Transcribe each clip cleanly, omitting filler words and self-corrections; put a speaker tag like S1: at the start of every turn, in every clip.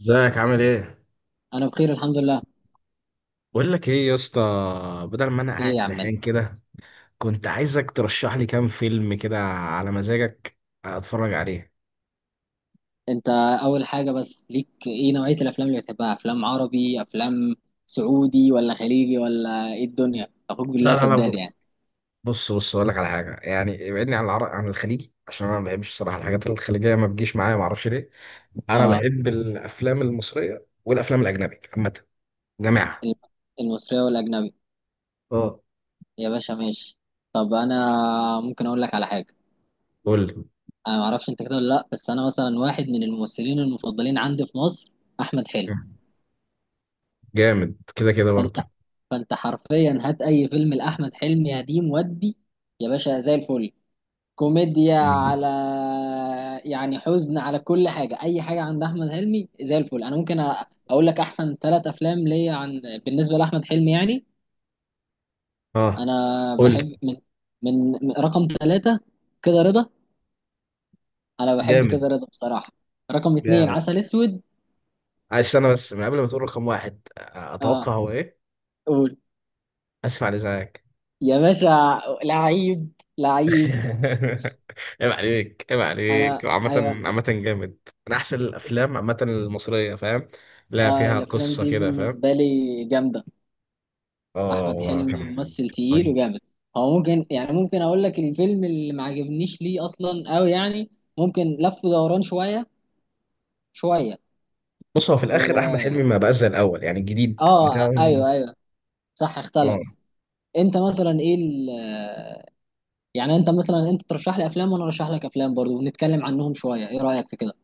S1: ازيك؟ عامل ايه؟
S2: انا بخير الحمد لله.
S1: بقول لك ايه يا اسطى، بدل ما انا
S2: ايه
S1: قاعد
S2: يا عم؟
S1: زهقان كده، كنت عايزك ترشح لي كام فيلم كده على مزاجك، اتفرج عليه.
S2: انت اول حاجه بس، ليك ايه؟ نوعيه الافلام اللي بتحبها افلام عربي، افلام سعودي، ولا خليجي، ولا ايه الدنيا؟ اخوك بالله
S1: لا لا
S2: سداد
S1: لا،
S2: يعني.
S1: بص بص، اقول لك على حاجه، يعني ابعدني عن العرق، عن الخليجي، عشان انا ما بحبش الصراحه الحاجات الخليجيه ما بتجيش معايا، ما اعرفش ليه. انا
S2: اه،
S1: بحب الافلام المصريه والافلام الاجنبي عامه جماعه.
S2: الم- المصريه والاجنبي.
S1: اه،
S2: يا باشا ماشي. طب انا ممكن اقول لك على حاجه؟
S1: قول لي.
S2: انا ما اعرفش انت كده ولا لا، بس انا مثلا واحد من الممثلين المفضلين عندي في مصر احمد حلمي.
S1: جامد كده كده
S2: فانت،
S1: برضه.
S2: فانت حرفيا هات اي فيلم لاحمد حلمي قديم ودي يا باشا زي الفل. كوميديا،
S1: مم.
S2: على يعني حزن، على كل حاجة، أي حاجة عند أحمد حلمي زي الفل. أنا ممكن أقول لك أحسن ثلاث أفلام ليا عن، بالنسبة لأحمد حلمي يعني.
S1: اه،
S2: أنا
S1: قول لي.
S2: بحب رقم ثلاثة كده رضا. أنا بحب
S1: جامد.
S2: كده رضا بصراحة. رقم اتنين
S1: جامد.
S2: عسل أسود.
S1: عايز استنى بس من قبل ما تقول رقم واحد،
S2: أه،
S1: اتوقع هو ايه.
S2: قول
S1: اسف على ازعاجك.
S2: يا باشا لعيب، لعيب.
S1: عيب عليك، عيب
S2: أنا
S1: عليك عامة.
S2: أيوه.
S1: عامة جامد، من احسن الافلام عامة المصرية، فاهم؟ لا،
S2: أه،
S1: فيها
S2: الأفلام
S1: قصة
S2: دي
S1: كده، فاهم.
S2: بالنسبة لي جامدة.
S1: اه
S2: احمد
S1: هو
S2: حلمي
S1: كان، كان
S2: ممثل تقيل
S1: رهيب.
S2: وجامد. هو ممكن، يعني ممكن اقول لك الفيلم اللي ما عجبنيش ليه اصلا؟ قوي يعني، ممكن لف ودوران شويه شويه.
S1: بص، هو في الاخر
S2: و،
S1: احمد حلمي ما بقاش زي الاول، يعني الجديد
S2: اه
S1: بتاعه.
S2: ايوه ايوه، صح
S1: اه،
S2: اختلف. انت مثلا ايه ال... آه، يعني انت مثلا انت ترشح لي افلام وانا ارشح لك افلام برضو ونتكلم عنهم شويه، ايه رايك في كده؟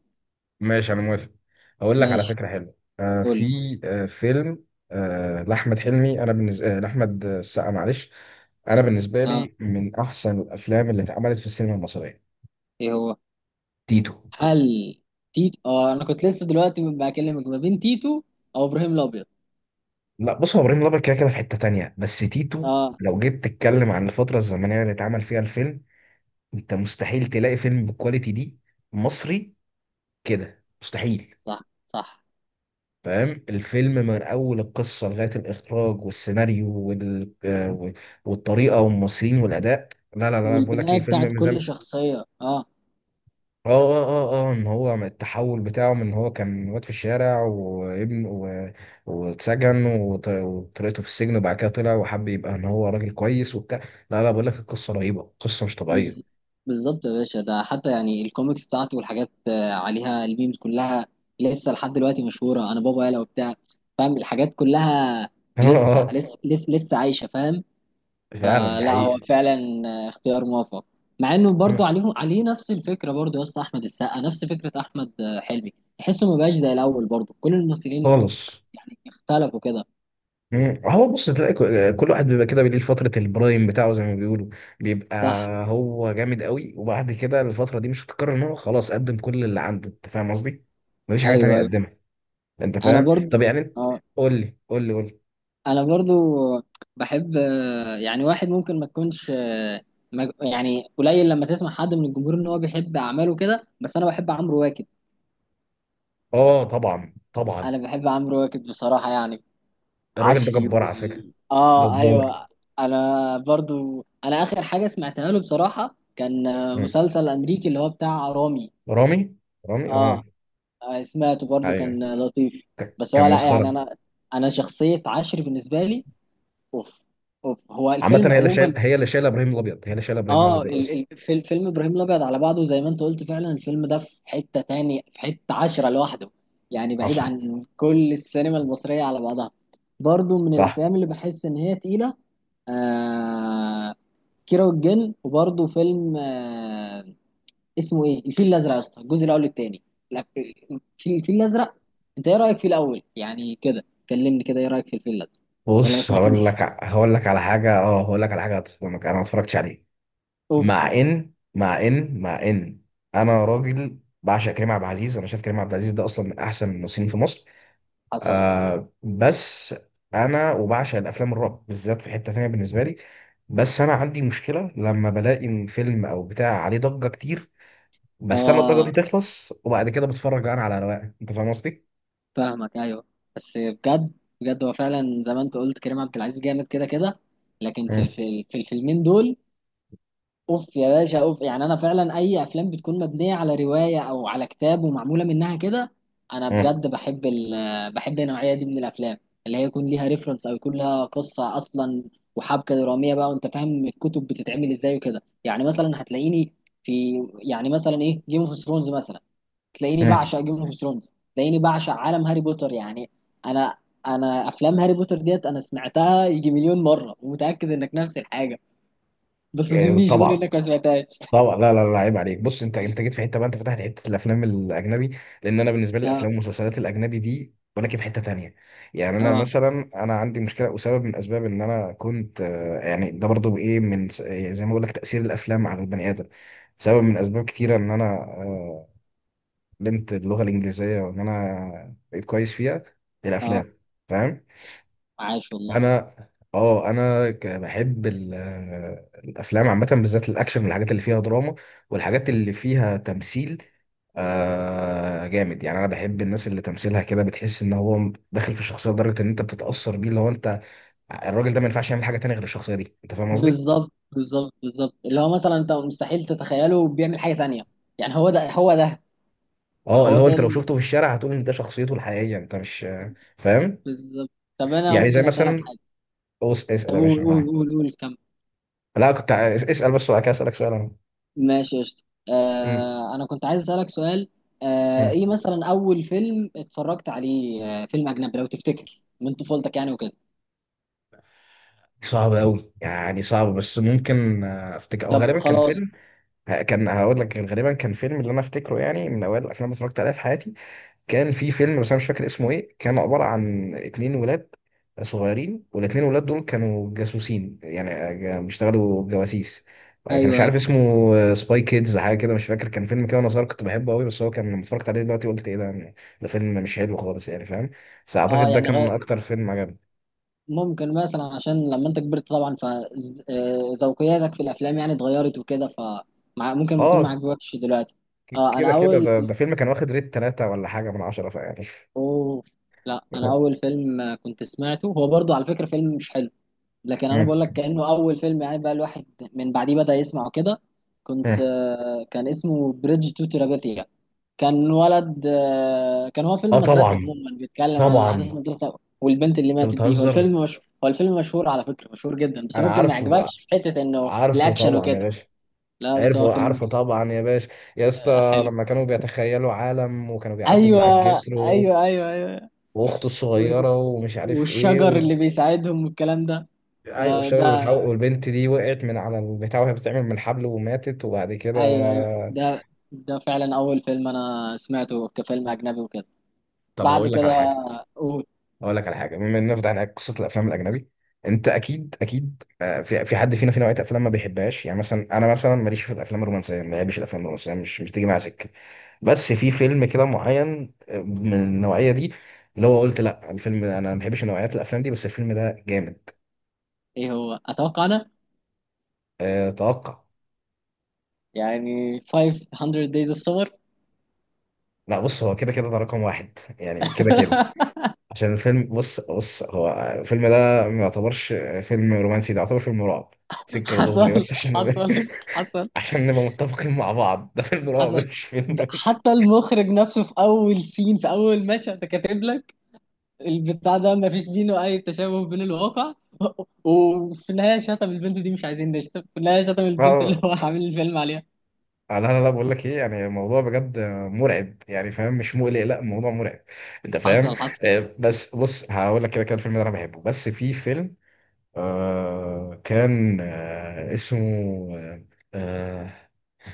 S1: ماشي انا موافق. اقول لك على
S2: ماشي،
S1: فكره حلوه،
S2: قول
S1: في
S2: لي.
S1: فيلم، لاحمد حلمي، انا بالنسبه لاحمد السقا، معلش، انا بالنسبه
S2: اه،
S1: لي من احسن الافلام اللي اتعملت في السينما المصريه.
S2: ايه هو؟
S1: تيتو.
S2: هل تيتو؟ اه انا كنت لسه دلوقتي بكلمك ما بين تيتو او ابراهيم الابيض.
S1: لا بص، هو ابراهيم الابيض كده كده في حته تانية، بس تيتو،
S2: اه،
S1: لو جيت تتكلم عن الفتره الزمنيه اللي اتعمل فيها الفيلم، انت مستحيل تلاقي فيلم بالكواليتي دي مصري، كده مستحيل.
S2: صح صح.
S1: فاهم الفيلم من اول القصه لغايه الاخراج والسيناريو والطريقه والممثلين والاداء. لا لا لا، بقول لك ايه،
S2: والبناء بتاعت
S1: فيلم
S2: كل
S1: مزام.
S2: شخصية، اه.
S1: اه اه اه اه، ان هو من التحول بتاعه، من ان هو كان واد في الشارع وابن واتسجن وطريقته في السجن، وبعد كده طلع وحب يبقى ان هو راجل كويس وبتاع. لا لا، بقول لك، القصه رهيبه، قصه مش
S2: بز...
S1: طبيعيه.
S2: بالظبط يا باشا، ده حتى يعني الكوميكس بتاعته والحاجات عليها، الميمز كلها لسه لحد دلوقتي مشهورة. انا بابا يالا وبتاع، فاهم الحاجات كلها.
S1: اه
S2: لسه
S1: اه.
S2: لسه لسه, لسه عايشة فاهم.
S1: فعلا
S2: آه،
S1: دي
S2: لا هو
S1: حقيقه.
S2: فعلا. اختيار موفق. مع انه برضه عليه نفس الفكرة برضه يا اسطى. احمد السقا نفس فكرة احمد حلمي. تحسه ما بقاش زي الاول برضه كل الممثلين
S1: خالص.
S2: يعني اختلفوا كده.
S1: مم. هو بص، تلاقي كل واحد بيبقى كده بيليه فترة البرايم بتاعه زي ما بيقولوا، بيبقى
S2: صح.
S1: هو جامد قوي، وبعد كده الفترة دي مش هتتكرر، ان هو خلاص قدم كل اللي عنده، انت فاهم قصدي؟ مفيش حاجة تانية
S2: ايوه ايوه،
S1: يقدمها، انت
S2: انا
S1: فاهم؟
S2: برضه.
S1: طب يعني انت،
S2: اه،
S1: قول لي قول لي قول لي.
S2: انا برضو بحب، يعني واحد ممكن ما تكونش، يعني قليل لما تسمع حد من الجمهور ان هو بيحب اعماله كده، بس انا بحب عمرو واكد.
S1: اه طبعا طبعا،
S2: انا بحب عمرو واكد بصراحة، يعني
S1: الراجل ده
S2: عشري
S1: جبار على فكرة،
S2: وال، اه
S1: جبار.
S2: ايوه. انا برضو، انا اخر حاجة سمعتها له بصراحة كان
S1: مم.
S2: مسلسل امريكي اللي هو بتاع رامي.
S1: رامي. رامي اه.
S2: اه، سمعته برضو
S1: ايوه،
S2: كان لطيف. بس هو
S1: كان
S2: لا،
S1: مسخرة.
S2: يعني انا، انا شخصية عشري بالنسبة لي اوف، اوف. هو
S1: عامة
S2: الفيلم عموما،
S1: هي اللي شايلة ابراهيم الابيض، هي اللي شايلة ابراهيم
S2: اه
S1: الابيض اصلا.
S2: في فيلم ابراهيم الابيض على بعضه زي ما انت قلت فعلا، الفيلم ده في حته تاني، في حته عشره لوحده يعني بعيد
S1: حصل.
S2: عن كل السينما المصريه على بعضها. برضو من
S1: صح.
S2: الافلام اللي بحس ان هي تقيله. آه، كيرة والجن. وبرضو فيلم اسمه ايه؟ الفيل الازرق يا اسطى الجزء الاول، التاني. لا الفيل الازرق. انت ايه رايك في الاول؟ يعني كده كلمني كده، ايه رايك في الفيل الازرق؟ ولا ما
S1: بص،
S2: سمعتوش.
S1: هقول لك على حاجه، اه هقول لك على حاجه هتصدمك، انا ما اتفرجتش عليه.
S2: اوف.
S1: مع ان انا راجل بعشق كريم عبد العزيز، انا شايف كريم عبد العزيز ده اصلا من احسن الممثلين في مصر،
S2: حصل.
S1: بس انا وبعشق الافلام الرعب بالذات في حته تانيه بالنسبه لي. بس انا عندي مشكله، لما بلاقي فيلم او بتاع عليه ضجه كتير، بستنى الضجه
S2: اه،
S1: دي تخلص، وبعد كده بتفرج انا على رواقه، انت فاهم قصدي؟
S2: فاهمك ايوه. بس بجد، بجد هو فعلا زي ما انت قلت، كريم عبد العزيز جامد كده كده. لكن في
S1: مم.
S2: الفيل، في الفيلمين دول اوف يا باشا اوف. يعني انا فعلا اي افلام بتكون مبنيه على روايه او على كتاب ومعموله منها كده، انا
S1: مم.
S2: بجد بحب ال، بحب النوعيه دي من الافلام، اللي هي يكون ليها ريفرنس او يكون لها قصه اصلا وحبكه دراميه بقى، وانت فاهم الكتب بتتعمل ازاي وكده. يعني مثلا هتلاقيني في، يعني مثلا ايه، جيم اوف ثرونز مثلا، تلاقيني
S1: مم.
S2: بعشق جيم اوف ثرونز. تلاقيني بعشق عالم هاري بوتر يعني. انا، انا افلام هاري بوتر ديت انا سمعتها يجي مليون مره، ومتاكد انك نفس الحاجه، ما تظنيش قول
S1: طبعا.
S2: انك ما سمعتهاش.
S1: طبعا لا لا لا، عيب عليك. بص، انت جيت في حته بقى، انت فتحت حته الافلام الاجنبي، لان انا بالنسبه لي
S2: اه
S1: الافلام والمسلسلات الاجنبي دي، ولكن في حته تانية. يعني انا
S2: اه
S1: مثلا، انا عندي مشكله وسبب من اسباب ان انا كنت يعني ده برضو ايه يعني زي ما بقول لك، تاثير الافلام على البني ادم، سبب من اسباب كتيره ان انا علمت اللغه الانجليزيه، وان انا بقيت كويس فيها.
S2: اه،
S1: الافلام، فاهم.
S2: عاش والله.
S1: انا، اه انا الافلام عامه، بالذات الاكشن والحاجات اللي فيها دراما، والحاجات اللي فيها تمثيل جامد. يعني انا بحب الناس اللي تمثيلها كده بتحس ان هو داخل في الشخصيه لدرجه ان انت بتتاثر بيه، لو انت الراجل ده ما ينفعش يعمل حاجه تانية غير الشخصيه دي، انت فاهم قصدي.
S2: بالظبط بالظبط بالظبط، اللي هو مثلا انت مستحيل تتخيله بيعمل حاجه تانية. يعني هو ده، هو ده،
S1: اه
S2: هو
S1: اللي هو
S2: ده
S1: انت لو شفته في الشارع هتقول ان ده شخصيته الحقيقيه، انت مش فاهم؟
S2: بالظبط. طب انا
S1: يعني زي
S2: ممكن اسالك
S1: مثلا،
S2: حاجه؟ طب
S1: اسال يا
S2: قول
S1: باشا،
S2: قول قول قول، كمل.
S1: لا كنت اسال بس، وبعد كده اسالك سؤال. انا
S2: ماشي يا شط.
S1: م-
S2: آه انا كنت عايز اسالك سؤال. آه،
S1: م.
S2: ايه مثلا اول فيلم اتفرجت عليه، آه فيلم اجنبي لو تفتكر من طفولتك يعني وكده؟
S1: صعبة أوي، يعني صعبة، بس ممكن أفتكر، أو
S2: طب
S1: غالبا كان
S2: خلاص.
S1: فيلم، كان هقول لك غالبا كان فيلم، اللي أنا أفتكره يعني من أوائل الأفلام اللي اتفرجت عليها في حياتي، كان في فيلم، بس أنا مش فاكر اسمه إيه، كان عبارة عن اتنين ولاد صغيرين، والاتنين ولاد دول كانوا جاسوسين يعني، بيشتغلوا جواسيس، كان مش
S2: ايوه ايوه.
S1: عارف اسمه، سباي كيدز حاجة كده مش فاكر، كان فيلم كده وأنا صغير كنت بحبه أوي، بس هو كان لما اتفرجت عليه دلوقتي قلت إيه ده يعني، ده فيلم مش حلو خالص، يعني فاهم، بس
S2: اه
S1: أعتقد ده
S2: يعني
S1: كان
S2: غ...
S1: أكتر فيلم عجبني.
S2: ممكن مثلا، عشان لما انت كبرت طبعا فذوقياتك في الافلام يعني اتغيرت وكده، ممكن يكون ما
S1: اه
S2: عجبكش دلوقتي. اه،
S1: كده
S2: انا
S1: كده،
S2: اول،
S1: ده فيلم كان واخد ريت 3 ولا حاجة من 10، فيعني.
S2: اوه لا، انا اول فيلم كنت سمعته هو برضو على فكره فيلم مش حلو، لكن انا
S1: مم.
S2: بقول لك كانه اول فيلم يعني، بقى الواحد من بعديه بدا يسمعه كده. كنت
S1: مم.
S2: كان اسمه بريدج تو تيرابيثيا. كان ولد كان هو فيلم
S1: اه
S2: مدرسي
S1: طبعا
S2: عموما بيتكلم عن احداث
S1: طبعا.
S2: المدرسه والبنت اللي
S1: انت
S2: ماتت دي. هو
S1: بتهزر،
S2: الفيلم مش، هو الفيلم مشهور على فكره، مشهور جدا، بس
S1: انا
S2: ممكن ما
S1: عارفه،
S2: يعجبكش في حته انه
S1: عارفه
S2: الاكشن
S1: طبعا يا
S2: وكده.
S1: باشا.
S2: لا بس هو
S1: عارفه
S2: فيلم
S1: عارفه طبعا يا باشا. يا اسطى
S2: حلو.
S1: لما كانوا بيتخيلوا عالم، وكانوا بيعدوا من
S2: ايوه
S1: على الجسر
S2: ايوه ايوه ايوه.
S1: واخته
S2: و- و-
S1: الصغيرة، ومش عارف ايه
S2: والشجر اللي بيساعدهم والكلام ده.
S1: ايوه
S2: ده
S1: الشغل اللي
S2: ده
S1: بتحاول، والبنت دي وقعت من على البتاع وهي بتعمل من الحبل وماتت، وبعد كده،
S2: ايوه ايوه، ده ده فعلا اول فيلم انا سمعته كفيلم اجنبي وكده.
S1: طب
S2: بعد
S1: هقول لك
S2: كده
S1: على حاجة.
S2: قول.
S1: اقول لك على حاجه، بما اننا فتحنا قصه الافلام الاجنبي، انت اكيد اكيد في حد فينا في نوعيه افلام ما بيحبهاش، يعني مثلا انا، مثلا ماليش في الافلام الرومانسيه، ما بحبش الافلام الرومانسيه، مش بتيجي معايا سكه، بس في فيلم كده معين من النوعيه دي، اللي هو قلت لا، الفيلم ده انا ما بحبش نوعيات الافلام دي، بس الفيلم ده جامد.
S2: ايه هو؟ اتوقع انا
S1: أه توقع.
S2: يعني 500 days of summer.
S1: لا بص، هو كده كده ده رقم واحد، يعني كده كده عشان الفيلم، بص بص، هو الفيلم ده ما يعتبرش فيلم رومانسي، ده يعتبر فيلم رعب، سكه ودغري،
S2: حصل
S1: بس عشان
S2: حصل حصل
S1: عشان نبقى متفقين مع بعض، ده فيلم رعب
S2: حصل.
S1: مش فيلم
S2: ده
S1: رومانسي.
S2: حتى المخرج نفسه في اول سين في اول مشهد كاتب لك البتاع ده، ما فيش بينه اي تشابه بين الواقع. وفي النهايه شتم البنت دي. مش عايزين نشتم. في النهايه شتم البنت اللي
S1: اه
S2: هو عامل الفيلم عليها.
S1: لا لا لا، بقول لك ايه، يعني الموضوع بجد مرعب، يعني فاهم، مش مقلق، لا الموضوع مرعب، انت فاهم.
S2: حصل حصل.
S1: بس بص، هقول لك، كده كده الفيلم ده انا بحبه، بس في فيلم كان اسمه، آه، آه،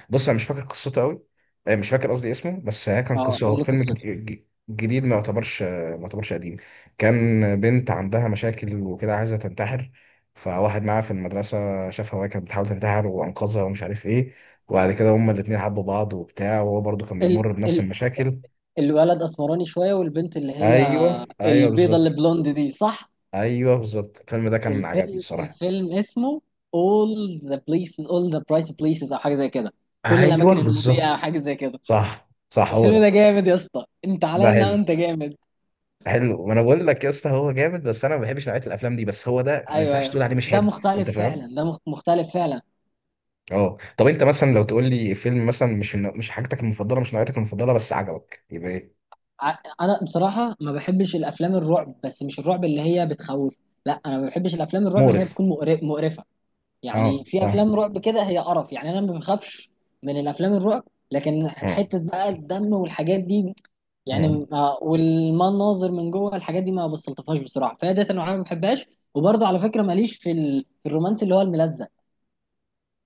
S1: بص انا مش فاكر قصته قوي، مش فاكر قصدي اسمه، بس هي كان
S2: اه،
S1: قصه، هو
S2: اللي
S1: فيلم
S2: قصته
S1: جديد، ما يعتبرش ما يعتبرش قديم، كان بنت عندها مشاكل وكده عايزه تنتحر، فواحد معاها في المدرسه شافها وهي كانت بتحاول تنتحر، وانقذها ومش عارف ايه، وبعد كده هما الاتنين حبوا بعض وبتاع، وهو برضو كان
S2: ال-
S1: بيمر بنفس
S2: ال-
S1: المشاكل.
S2: الولد اسمراني شويه والبنت اللي هي
S1: ايوه ايوه
S2: البيضه اللي
S1: بالظبط.
S2: بلوند دي، صح؟
S1: ايوه بالظبط، الفيلم ده كان عجبني
S2: الفيلم،
S1: الصراحه.
S2: الفيلم اسمه All the places, All the bright places او حاجه زي كده. كل الاماكن
S1: ايوه
S2: المضيئه او
S1: بالظبط،
S2: حاجه زي كده.
S1: صح صح هو
S2: الفيلم
S1: ده.
S2: ده جامد يا اسطى، انت
S1: ده
S2: علينا
S1: حلو.
S2: وانت جامد.
S1: حلو، ما انا بقول لك يا اسطى هو جامد، بس انا ما بحبش نوعيه الافلام دي، بس هو ده ما
S2: ايوه
S1: ينفعش
S2: ايوه،
S1: تقول عليه مش
S2: ده
S1: حلو، انت
S2: مختلف
S1: فاهم.
S2: فعلا، ده مختلف فعلا.
S1: اه طب انت مثلا، لو تقول لي فيلم مثلا مش مش حاجتك المفضله، مش نوعيتك المفضله، بس عجبك، يبقى ايه؟
S2: ع- انا بصراحه ما بحبش الافلام الرعب، بس مش الرعب اللي هي بتخوف. لا، انا ما بحبش الافلام الرعب اللي هي
S1: مقرف.
S2: بتكون مقرفه. يعني
S1: اه
S2: في
S1: فاهم.
S2: افلام رعب كده هي قرف. يعني انا ما بخافش من الافلام الرعب، لكن
S1: مم.
S2: حته بقى الدم والحاجات دي،
S1: مم.
S2: يعني والمناظر من جوه الحاجات دي ما بستلطفهاش بصراحه، فهي ديت انا ما بحبهاش. وبرضه على فكره ماليش في ال، في الرومانس اللي هو الملزق.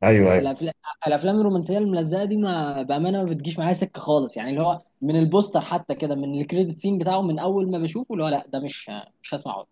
S1: ايوه ايوه.
S2: الأفلا- الافلام الرومانسيه الملزقه دي ما بامانه ما بتجيش معايا سكه خالص، يعني اللي هو من البوستر حتى كده، من الكريدت سين بتاعه، من اول ما بشوفه اللي هو لا ده مش، مش هسمعه،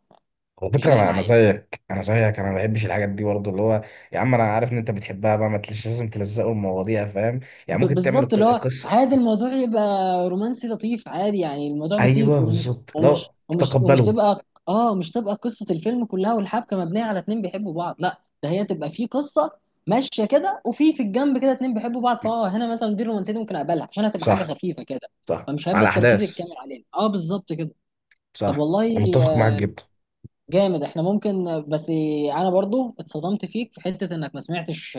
S1: على
S2: مش
S1: فكره
S2: جاي
S1: انا،
S2: معايا.
S1: زيك، انا زيك، انا ما بحبش الحاجات دي برضه اللي هو، يا عم انا عارف ان انت بتحبها، بقى ما تلش لازم تلزقوا المواضيع، فاهم، يعني ممكن تعمل
S2: بالظبط، اللي هو
S1: القصه.
S2: عادي، الموضوع يبقى رومانسي لطيف عادي، يعني الموضوع بسيط،
S1: ايوه
S2: ومش
S1: بالظبط،
S2: ومش
S1: لا
S2: ومش ومش
S1: تتقبله.
S2: تبقى، اه مش تبقى قصة الفيلم كلها والحبكة مبنية على اتنين بيحبوا بعض. لا، ده هي تبقى في قصة ماشية كده، وفي في الجنب كده اتنين بيحبوا بعض. فاه، هنا مثلا دي الرومانسية دي ممكن اقبلها، عشان هتبقى حاجة
S1: صح
S2: خفيفة كده،
S1: صح
S2: فمش هيبقى
S1: على
S2: التركيز
S1: احداث.
S2: الكامل علينا. اه بالظبط كده. طب
S1: صح. انا
S2: والله،
S1: متفق معاك جدا.
S2: جامد. احنا ممكن، بس انا برضو اتصدمت فيك في حتة انك ما سمعتش،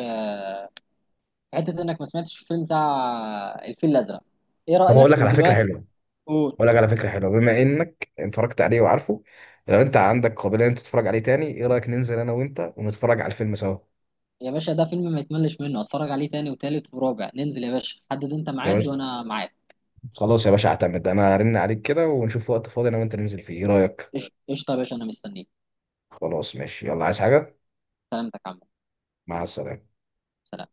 S2: حته انك ما سمعتش الفيلم بتاع الفيل الازرق. ايه
S1: طب هقول
S2: رايك
S1: لك على فكره
S2: ودلوقتي؟
S1: حلوه.
S2: قول.
S1: هقول لك على فكره حلوه، بما انك اتفرجت عليه وعارفه، لو انت عندك قابليه انت تتفرج عليه تاني، ايه رايك ننزل انا وانت ونتفرج على الفيلم سوا؟
S2: يا باشا ده فيلم ما يتملش منه، اتفرج عليه تاني وتالت ورابع. ننزل يا باشا، حدد انت
S1: يا
S2: ميعاد
S1: باشا،
S2: وانا معاك.
S1: خلاص يا باشا اعتمد، انا هرن عليك كده ونشوف وقت فاضي انا وانت ننزل فيه، ايه رايك؟
S2: قشطه قشطة يا باشا، انا مستنيك.
S1: خلاص ماشي، يلا، عايز حاجه؟
S2: سلامتك يا عم.
S1: مع السلامه.
S2: سلام.